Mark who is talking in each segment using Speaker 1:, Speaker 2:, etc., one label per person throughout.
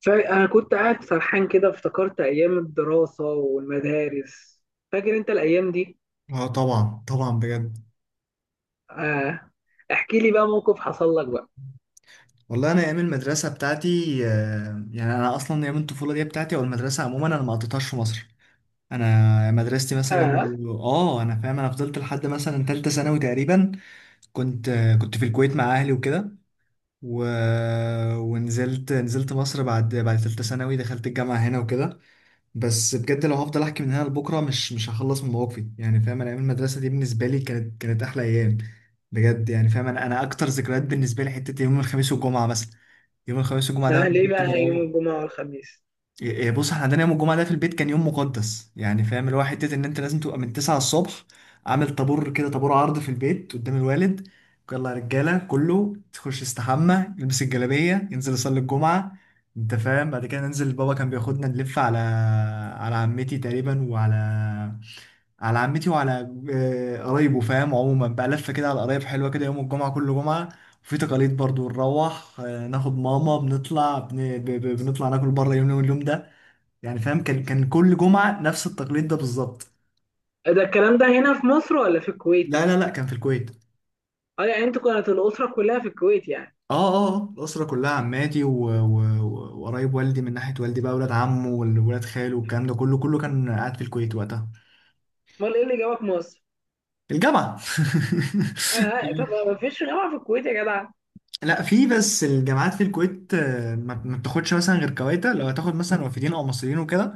Speaker 1: فأنا كنت قاعد سرحان كده، افتكرت أيام الدراسة والمدارس. فاكر أنت الأيام دي؟
Speaker 2: اه، طبعا طبعا بجد.
Speaker 1: آه. احكي لي بقى موقف حصل لك بقى.
Speaker 2: والله انا ايام المدرسه بتاعتي، يعني انا اصلا ايام الطفوله دي بتاعتي او المدرسه عموما انا ما قضيتهاش في مصر. انا مدرستي مثلا،
Speaker 1: آه.
Speaker 2: اه، انا فاهم. انا فضلت لحد مثلا تالتة ثانوي تقريبا. كنت في الكويت مع اهلي وكده. و... ونزلت مصر بعد تالتة ثانوي، دخلت الجامعه هنا وكده. بس بجد لو هفضل احكي من هنا لبكره مش هخلص من مواقفي، يعني فاهم، انا ايام المدرسه دي بالنسبه لي كانت احلى ايام. بجد، يعني فاهم، انا اكتر ذكريات بالنسبه لي حته يوم الخميس والجمعه مثلا. يوم الخميس والجمعه ده انا
Speaker 1: آه ليه
Speaker 2: كنت
Speaker 1: بقى يوم
Speaker 2: بروح.
Speaker 1: الجمعة والخميس؟
Speaker 2: إيه، بص، احنا عندنا يوم الجمعة ده في البيت كان يوم مقدس، يعني فاهم اللي هو حتة ان انت لازم تبقى من 9 الصبح عامل طابور كده، طابور عرض في البيت قدام الوالد. يلا يا رجالة، كله تخش يستحمى، يلبس الجلابية، ينزل يصلي الجمعة. انت فاهم، بعد كده ننزل بابا كان بياخدنا نلف على، على عمتي تقريبا، وعلى عمتي وعلى قرايبه. فاهم، عموما بقى لفة كده على قرايب حلوة كده يوم الجمعة، كل جمعة. وفي تقاليد برضو نروح، ناخد ماما، بنطلع بن... ب... ب... بنطلع ناكل بره اليوم ده. يعني فاهم كان كل جمعة نفس التقليد ده بالظبط.
Speaker 1: ده الكلام ده هنا في مصر ولا في الكويت؟
Speaker 2: لا لا لا، كان في الكويت.
Speaker 1: اه، يعني انتوا كانت الأسرة كلها في الكويت يعني.
Speaker 2: اه اه، الأسرة كلها عماتي وقرايب والدي، من ناحية والدي بقى، ولاد عمه وولاد خاله والكلام ده كله، كان قاعد في الكويت وقتها.
Speaker 1: امال ايه اللي جابك مصر؟
Speaker 2: الجامعة.
Speaker 1: آه، آه، طب ما فيش جامعة في الكويت يا جدع.
Speaker 2: لا، في، بس الجامعات في الكويت ما بتاخدش مثلا غير كويتا، لو هتاخد مثلا وافدين او مصريين وكده،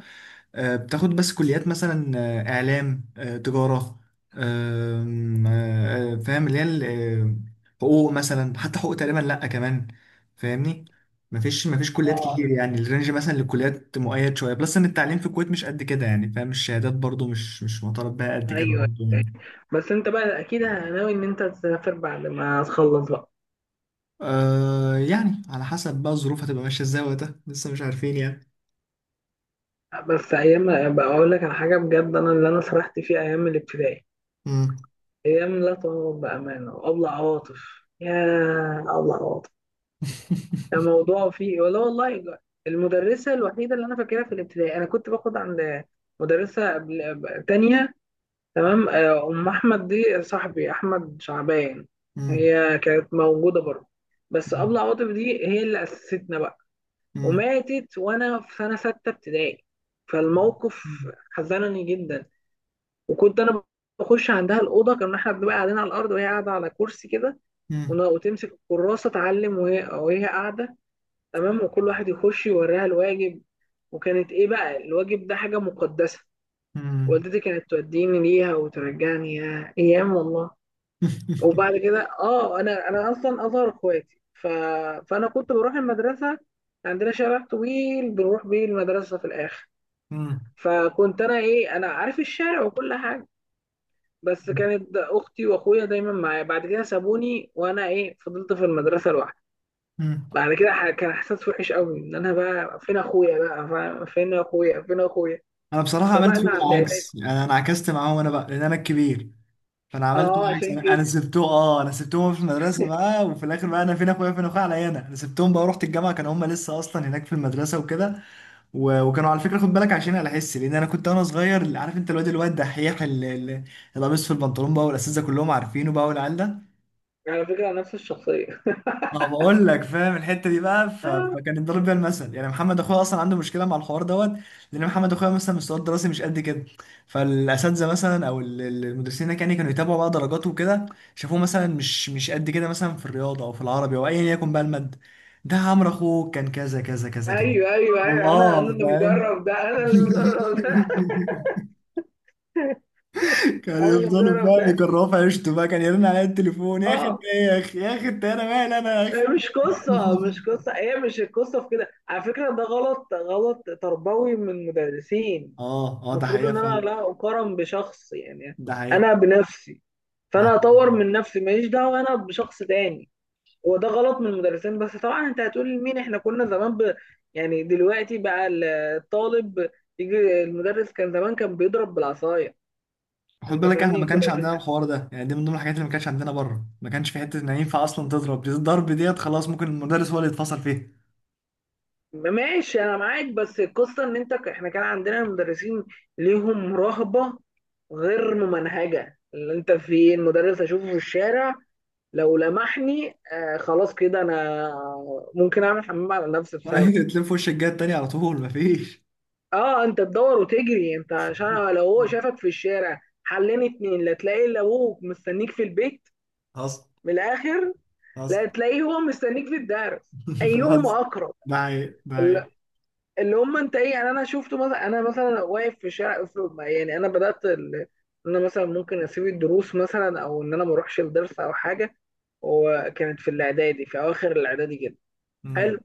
Speaker 2: بتاخد بس كليات مثلا، إعلام، تجارة، آم، آه، آه، فاهم اللي هي، حقوق مثلا، حتى حقوق تقريبا لأ كمان. فاهمني، مفيش كليات
Speaker 1: اه.
Speaker 2: كتير، يعني الرينج مثلا للكليات مؤيد شوية بلس، إن التعليم في الكويت مش قد كده، يعني فاهم الشهادات برضو مش معترف بها قد كده
Speaker 1: ايوه.
Speaker 2: برضو
Speaker 1: أيوة.
Speaker 2: يعني.
Speaker 1: بس انت بقى اكيد ناوي ان انت تسافر بعد ما تخلص بقى.
Speaker 2: آه، يعني على حسب بقى الظروف هتبقى ماشية ازاي وقتها، لسه مش عارفين يعني.
Speaker 1: بس ايام بقى اقول لك على حاجه بجد، انا اللي انا سرحت فيه ايام الابتدائي.
Speaker 2: مم.
Speaker 1: ايام لا تعوض بامانه. وابلع عواطف يا ابلع عواطف. الموضوع فيه ولا والله. المدرسه الوحيده اللي انا فاكرها في الابتدائي، انا كنت باخد عند مدرسه قبل تانية. تمام، ام احمد دي صاحبي احمد شعبان.
Speaker 2: مم.
Speaker 1: هي كانت موجوده برضه. بس ابلع عواطف دي هي اللي اسستنا بقى.
Speaker 2: مم.
Speaker 1: وماتت وانا في سنه سته ابتدائي. فالموقف
Speaker 2: مم.
Speaker 1: حزنني جدا. وكنت انا بخش عندها الاوضه، كنا احنا بنبقى قاعدين على الارض وهي قاعده على كرسي كده،
Speaker 2: مم.
Speaker 1: وتمسك الكراسه تعلم وهي قاعده. تمام، وكل واحد يخش يوريها الواجب. وكانت ايه بقى؟ الواجب ده حاجه مقدسه.
Speaker 2: مم.
Speaker 1: والدتي كانت توديني ليها وترجعني. يا ايام والله. وبعد كده انا اصلا اصغر اخواتي، فانا كنت بروح المدرسه. عندنا شارع طويل بنروح بيه المدرسه في الاخر.
Speaker 2: مم.
Speaker 1: فكنت انا ايه انا عارف الشارع وكل حاجه. بس كانت اختي واخويا دايما معايا، بعد كده سابوني وانا ايه فضلت في المدرسه لوحدي.
Speaker 2: مم.
Speaker 1: بعد كده كان احساس وحش قوي، ان انا بقى فين اخويا بقى، فاهم؟ فين اخويا، فين اخويا.
Speaker 2: انا بصراحه عملت فيهم
Speaker 1: سبقنا على الاعدادي.
Speaker 2: العكس، يعني انا عكست معاهم، انا بقى لان انا الكبير، فانا عملت
Speaker 1: اه
Speaker 2: العكس،
Speaker 1: عشان
Speaker 2: انا انا
Speaker 1: كده.
Speaker 2: سبتهم اه انا سبتهم في المدرسه بقى. وفي الاخر بقى انا فين اخويا، فين اخويا، عليا، انا سبتهم بقى ورحت الجامعه، كانوا هم لسه اصلا هناك في المدرسه وكده. وكانوا، على فكره خد بالك، عشان على حس، لان انا كنت وانا صغير عارف انت، الواد، الواد دحيح، اللي لابس في البنطلون بقى، والاساتذه كلهم عارفينه بقى، والعيال ده
Speaker 1: على فكره نفس الشخصيه.
Speaker 2: ما بقول لك. فاهم الحته دي بقى، فكان يضرب بيها المثل. يعني محمد اخويا اصلا عنده مشكله مع الحوار دوت، لان محمد اخويا مثلا مستواه الدراسي مش قد كده، فالاساتذه مثلا او المدرسين هناك يعني كانوا يتابعوا بقى درجاته وكده، شافوه مثلا مش قد كده مثلا في الرياضه او في العربي او ايا يكن بقى الماده، ده عمرو اخوه كان كذا كذا كذا كذا.
Speaker 1: ايوه، ايوه، ايوه، انا
Speaker 2: الله،
Speaker 1: اللي
Speaker 2: فاهم.
Speaker 1: مجرب ده، انا اللي مجرب ده.
Speaker 2: كان
Speaker 1: انا اللي
Speaker 2: يفضلوا،
Speaker 1: مجرب
Speaker 2: فاهم،
Speaker 1: ده.
Speaker 2: يكرهوا في عيشته بقى، كان يرن عليا التليفون: يا اخي إنت
Speaker 1: اه.
Speaker 2: إيه، يا اخي، يا اخي إنت، انا مالي انا يا
Speaker 1: هي
Speaker 2: اخي.
Speaker 1: مش قصه، مش قصه، هي مش القصه في كده. على فكره ده غلط، غلط تربوي من المدرسين.
Speaker 2: اه اه، ده
Speaker 1: المفروض
Speaker 2: حقيقة
Speaker 1: ان انا
Speaker 2: فعلا.
Speaker 1: لا اقارن بشخص يعني.
Speaker 2: ده حقيقة.
Speaker 1: انا بنفسي.
Speaker 2: ده
Speaker 1: فانا
Speaker 2: حقيقة.
Speaker 1: اطور من نفسي، ماليش دعوه انا بشخص تاني. هو ده غلط من المدرسين، بس طبعا انت هتقول لمين، احنا كنا زمان يعني دلوقتي بقى، الطالب يجي المدرس كان زمان كان بيضرب بالعصايه.
Speaker 2: خد
Speaker 1: انت
Speaker 2: بالك، احنا
Speaker 1: فاهمني
Speaker 2: ما
Speaker 1: كنا...
Speaker 2: كانش عندنا الحوار ده، يعني دي من ضمن الحاجات اللي ما كانش عندنا بره. ما كانش في حتة ان ينفع اصلا تضرب، دي الضرب ديت خلاص، ممكن المدرس هو اللي يتفصل فيها.
Speaker 1: ماشي انا معاك، بس القصه ان انت احنا كان عندنا مدرسين ليهم رهبه غير ممنهجه. اللي انت في، المدرس اشوفه في الشارع لو لمحني آه، خلاص كده انا ممكن اعمل حمام على نفسي بسبب.
Speaker 2: تلف وش الجهة التانية على طول، ما فيش.
Speaker 1: اه انت تدور وتجري انت، عشان لو هو شافك في الشارع حلين اتنين، لا تلاقي الا ابوك مستنيك في البيت.
Speaker 2: حصل.
Speaker 1: من الاخر.
Speaker 2: حصل.
Speaker 1: لا تلاقيه هو مستنيك في الدرس.
Speaker 2: حصل.
Speaker 1: ايهما اقرب.
Speaker 2: ده حقيقة، ده حقيقة.
Speaker 1: اللي هم انت ايه يعني، انا شفته مثلا، انا مثلا واقف في شارع افرض يعني انا بدات ان انا مثلا ممكن اسيب الدروس مثلا، او ان انا ما اروحش الدرس او حاجه. وكانت في الاعدادي، في اواخر الاعدادي كده.
Speaker 2: مم.
Speaker 1: حلو.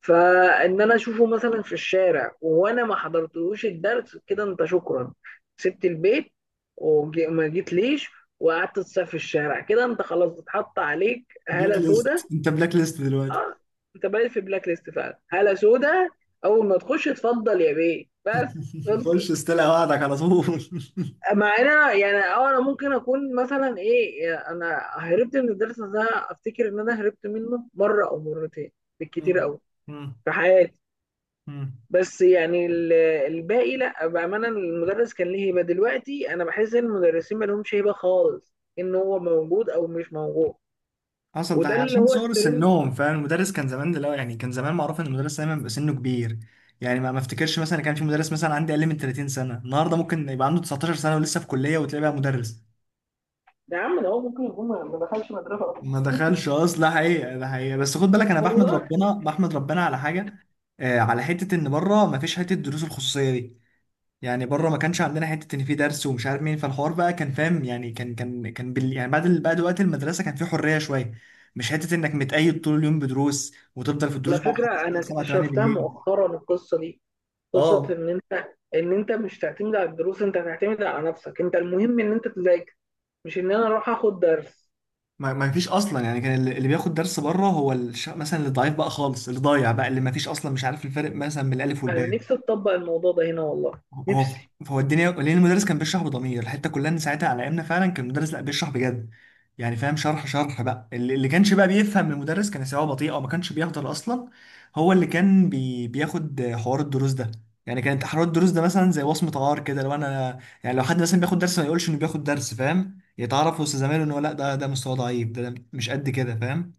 Speaker 1: فان انا اشوفه مثلا في الشارع وانا ما حضرتلوش الدرس، كده انت شكرا، سبت البيت وما جيت ليش وقعدت تسافر في الشارع، كده انت خلاص اتحط عليك
Speaker 2: بلاك
Speaker 1: هاله سودا.
Speaker 2: ليست، انت بلاك ليست دلوقتي.
Speaker 1: اه انت بقيت في بلاك ليست فعلا، هالة سودا. اول ما تخش اتفضل يا بيه بس. خلصت.
Speaker 2: خش استلقى وعدك على طول.
Speaker 1: مع ان انا يعني، انا ممكن اكون مثلا ايه، يعني انا هربت من الدرس ده، افتكر ان انا هربت منه مره او مرتين بالكتير
Speaker 2: مم.
Speaker 1: قوي
Speaker 2: مم.
Speaker 1: في حياتي.
Speaker 2: مم.
Speaker 1: بس يعني الباقي لا بامانه، المدرس كان ليه هيبه. دلوقتي انا بحس ان المدرسين ما لهمش هيبه خالص، ان هو موجود او مش موجود.
Speaker 2: حصل. ده
Speaker 1: وده اللي
Speaker 2: عشان
Speaker 1: هو
Speaker 2: صغر
Speaker 1: الترند.
Speaker 2: سنهم، فاهم المدرس كان زمان، دلوقتي يعني، كان زمان معروف ان المدرس دايما بيبقى سنه كبير، يعني ما افتكرش مثلا كان في مدرس مثلا عندي اقل من 30 سنه، النهارده ممكن يبقى عنده 19 سنه ولسه في كليه وتلاقيه بقى مدرس.
Speaker 1: يا عم ده هو ممكن يكون ما دخلش مدرسه اصلا.
Speaker 2: ما دخلش اصلا، حقيقه، ده حقيقه. بس خد بالك، انا بحمد
Speaker 1: والله.
Speaker 2: ربنا بحمد ربنا على حاجه. آه، على حته ان بره ما فيش حته الدروس الخصوصيه دي. يعني بره ما كانش عندنا حته ان في درس ومش عارف مين، فالحوار بقى كان فاهم، يعني كان بال، يعني بعد بعد وقت المدرسه كان في حريه شويه، مش حته انك متقيد طول اليوم بدروس وتفضل في الدروس
Speaker 1: على
Speaker 2: بقى لحد
Speaker 1: فكرة أنا
Speaker 2: الساعه 7 8
Speaker 1: اكتشفتها
Speaker 2: بالليل.
Speaker 1: مؤخرا القصة دي، قصة
Speaker 2: اه،
Speaker 1: إن أنت، إن أنت مش تعتمد على الدروس، أنت تعتمد على نفسك، أنت المهم إن أنت تذاكر، مش إن أنا أروح آخد درس.
Speaker 2: ما فيش اصلا يعني، كان اللي بياخد درس بره هو مثلا اللي ضعيف بقى خالص، اللي ضايع بقى، اللي ما فيش اصلا، مش عارف الفرق مثلا من الالف
Speaker 1: أنا
Speaker 2: والباء.
Speaker 1: نفسي أطبق الموضوع ده هنا والله.
Speaker 2: هو
Speaker 1: نفسي.
Speaker 2: هو الدنيا، لان المدرس كان بيشرح بضمير، الحته كلها ان ساعتها على ايامنا فعلا كان المدرس لا، بيشرح بجد، يعني فاهم، شرح شرح بقى. اللي كانش بقى بيفهم من المدرس كان سواء بطيء او ما كانش بيحضر اصلا، هو اللي كان بياخد حوار الدروس ده. يعني كانت حوار الدروس ده مثلا زي وصمه عار كده، لو انا يعني، لو حد مثلا بياخد درس ما يقولش انه بياخد درس، فاهم، يتعرف وسط زمايله ان هو لا، ده، ده, مستواه ضعيف، ده مش قد كده، فاهم.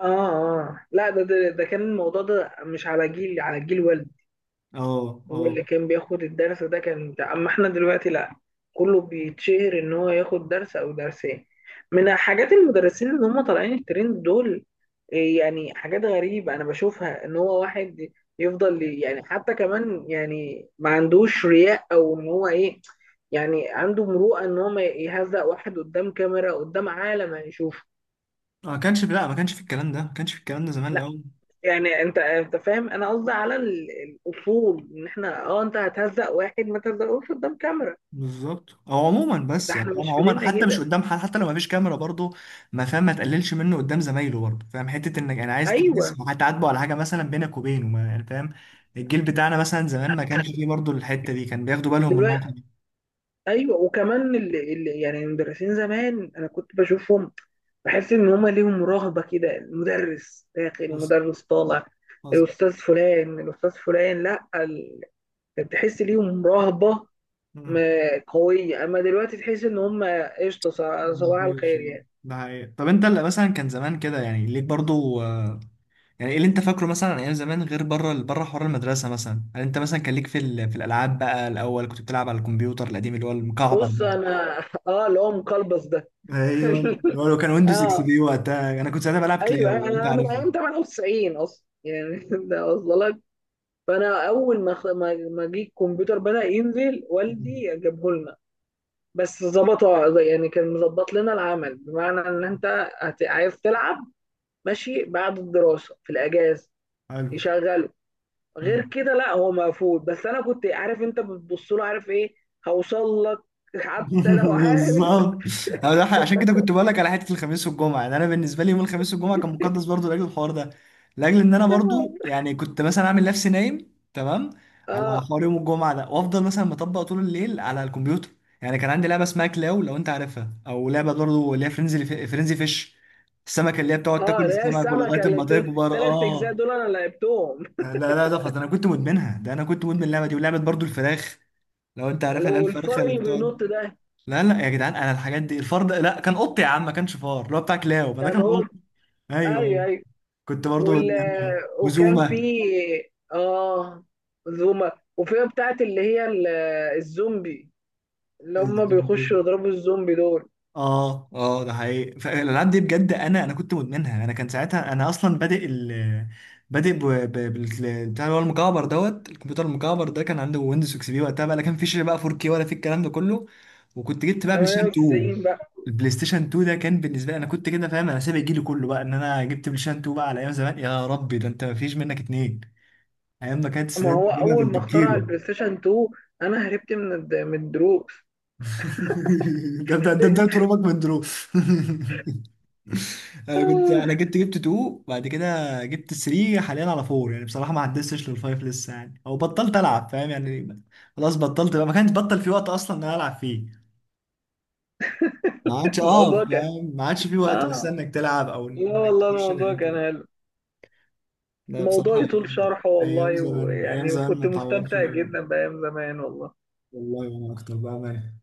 Speaker 1: آه، آه، لا ده ده كان الموضوع ده مش على جيلي، على جيل والدي.
Speaker 2: اه اه،
Speaker 1: هو اللي كان بياخد الدرس ده كان بتاع، اما احنا دلوقتي لا، كله بيتشهر ان هو ياخد درس او درسين. من حاجات المدرسين اللي هم طالعين الترند دول، إيه يعني حاجات غريبة انا بشوفها، ان هو واحد يفضل يعني حتى كمان، يعني ما عندوش رياء، او ان هو ايه، يعني عنده مروءة ان هو ما يهزق واحد قدام كاميرا قدام عالم هيشوفه.
Speaker 2: ما كانش، لا ما كانش في الكلام ده، ما كانش في الكلام ده زمان
Speaker 1: لا
Speaker 2: الاول.
Speaker 1: يعني انت فاهم انا قصدي على الاصول، ان احنا، انت هتهزق واحد، ما تهزقوش قدام كاميرا.
Speaker 2: بالظبط، او عموما
Speaker 1: ده
Speaker 2: بس يعني،
Speaker 1: احنا
Speaker 2: فاهم،
Speaker 1: مش في
Speaker 2: عموما
Speaker 1: ديننا
Speaker 2: حتى مش
Speaker 1: كده.
Speaker 2: قدام حد، حتى لو ما فيش كاميرا برضه، ما فاهم، ما تقللش منه قدام زمايله برضه، فاهم، حته انك، انا عايز
Speaker 1: ايوه.
Speaker 2: تحس، هتعاتبه على حاجه مثلا بينك وبينه، ما يعني فاهم. الجيل بتاعنا مثلا زمان ما كانش فيه برضه الحته دي، كان بياخدوا بالهم من
Speaker 1: دلوقتي.
Speaker 2: النقطه دي.
Speaker 1: ايوه، وكمان اللي يعني المدرسين زمان انا كنت بشوفهم بحس ان هما ليهم رهبه كده. المدرس داخل،
Speaker 2: بص،
Speaker 1: المدرس طالع،
Speaker 2: بص.
Speaker 1: الاستاذ فلان، الاستاذ فلان، لا كنت تحس ليهم رهبه
Speaker 2: مم.
Speaker 1: قويه. اما دلوقتي تحس ان هما قشطه، صباح
Speaker 2: مفيش
Speaker 1: الخير
Speaker 2: والله.
Speaker 1: يعني.
Speaker 2: ده حقيقة. طب انت اللي مثلا كان زمان كده، يعني ليك برضو يعني ايه اللي انت فاكره مثلا عن ايام زمان غير بره، بره حوار المدرسة مثلا؟ هل انت مثلا كان ليك في في الالعاب بقى، الاول كنت بتلعب على الكمبيوتر القديم اللي هو المكعب
Speaker 1: بص
Speaker 2: ده؟
Speaker 1: انا اه، اللي هو مقلبص ده.
Speaker 2: ايوه، هو لو كان ويندوز اكس
Speaker 1: اه
Speaker 2: بي وقتها، انا كنت ساعتها بلعب
Speaker 1: ايوه،
Speaker 2: كلاو لو انت
Speaker 1: انا من
Speaker 2: عارفها.
Speaker 1: ايام 98 اصلا يعني. ده وصل. فانا اول ما ما جه الكمبيوتر بدأ ينزل،
Speaker 2: مم.
Speaker 1: والدي جابه لنا. بس ظبطه، يعني كان مظبط لنا العمل، بمعنى ان انت عايز تلعب ماشي، بعد الدراسه في الاجازه
Speaker 2: حلو.
Speaker 1: يشغله.
Speaker 2: مم.
Speaker 1: غير كده لا هو مقفول. بس انا كنت عارف، انت بتبص له عارف ايه، هوصل لك حتى لو عارف.
Speaker 2: بالظبط. أنا عشان كده كنت بقول لك على حته الخميس والجمعه، يعني انا بالنسبه لي يوم الخميس والجمعه كان مقدس برضو لاجل الحوار ده، لاجل ان انا برضو، يعني كنت مثلا اعمل نفسي نايم تمام على
Speaker 1: اه،
Speaker 2: حوار يوم الجمعه ده، وافضل مثلا مطبق طول الليل على الكمبيوتر. يعني كان عندي لعبه اسمها كلاو لو انت عارفها، او لعبه برضو اللي هي فرينزي فيش، السمكه اللي هي بتقعد
Speaker 1: اه،
Speaker 2: تاكل
Speaker 1: اللي هي
Speaker 2: السمك ولغايه
Speaker 1: السمكه اللي
Speaker 2: ما تكبر.
Speaker 1: ثلاث اجزاء
Speaker 2: اه،
Speaker 1: دول انا لعبتهم.
Speaker 2: لا لا، ده فظيع، انا كنت مدمنها، ده انا كنت مدمن اللعبه دي. ولعبه برضو الفراخ لو انت عارفها،
Speaker 1: اللي
Speaker 2: اللي هي
Speaker 1: هو الفار
Speaker 2: الفرخه اللي
Speaker 1: اللي بينط
Speaker 2: بتقعد.
Speaker 1: ده.
Speaker 2: لا لا يا جدعان، انا الحاجات دي، الفار ده لا، كان قط يا عم، ما كانش فار، اللي هو بتاع كلاو، ما ده
Speaker 1: كان
Speaker 2: كان قط.
Speaker 1: قلت.
Speaker 2: ايوه،
Speaker 1: ايوه،
Speaker 2: ايوه،
Speaker 1: ايوه.
Speaker 2: كنت برضو
Speaker 1: وال...
Speaker 2: مدمنها.
Speaker 1: وكان في
Speaker 2: وزوما.
Speaker 1: اه زوما، وفيها بتاعت اللي هي الزومبي، اللي هم بيخشوا يضربوا الزومبي دول.
Speaker 2: اه اه، ده حقيقي، فالالعاب دي بجد انا كنت مدمنها. انا كان ساعتها انا اصلا بادئ بتاع اللي هو المكعب دوت، الكمبيوتر المكعب ده كان عنده ويندوز اكس بي وقتها بقى، لا كان فيش بقى 4K ولا في الكلام ده كله. وكنت جبت بقى بلاي ستيشن 2،
Speaker 1: 98 بقى.
Speaker 2: البلاي ستيشن 2 ده كان بالنسبه لي، انا كنت كده فاهم، انا سابق جيلي كله بقى ان انا جبت بلاي ستيشن 2 بقى على ايام زمان. يا ربي، ده انت مفيش منك اتنين، ايام ما كانت
Speaker 1: ما
Speaker 2: السيدات
Speaker 1: هو
Speaker 2: بتجيبها
Speaker 1: اول ما اخترع
Speaker 2: بالكيلو.
Speaker 1: البلاي ستيشن 2 انا هربت من من الدروس.
Speaker 2: ده ده ده ده ترابك من دروب. انا كنت، انا جبت 2، بعد كده جبت 3، حاليا على 4 يعني، بصراحه ما عدستش لل 5 لسه يعني، او بطلت العب، فاهم يعني، خلاص بطلت بقى، ما كانش بطل في وقت اصلا ان انا العب فيه، ما عادش،
Speaker 1: الموضوع
Speaker 2: اه
Speaker 1: كان.
Speaker 2: فاهم، ما عادش في وقت
Speaker 1: اه
Speaker 2: اصلا انك تلعب او
Speaker 1: لا
Speaker 2: انك
Speaker 1: والله
Speaker 2: تخش
Speaker 1: الموضوع
Speaker 2: الحته
Speaker 1: كان
Speaker 2: دي.
Speaker 1: حلو.
Speaker 2: لا
Speaker 1: الموضوع
Speaker 2: بصراحه،
Speaker 1: يطول
Speaker 2: ايام،
Speaker 1: شرحه
Speaker 2: ايام
Speaker 1: والله،
Speaker 2: زمان، ايام
Speaker 1: ويعني
Speaker 2: زمان ما
Speaker 1: وكنت
Speaker 2: اتعوضش
Speaker 1: مستمتع
Speaker 2: بقى.
Speaker 1: جدا بأيام زمان والله.
Speaker 2: والله، وانا اكتر بقى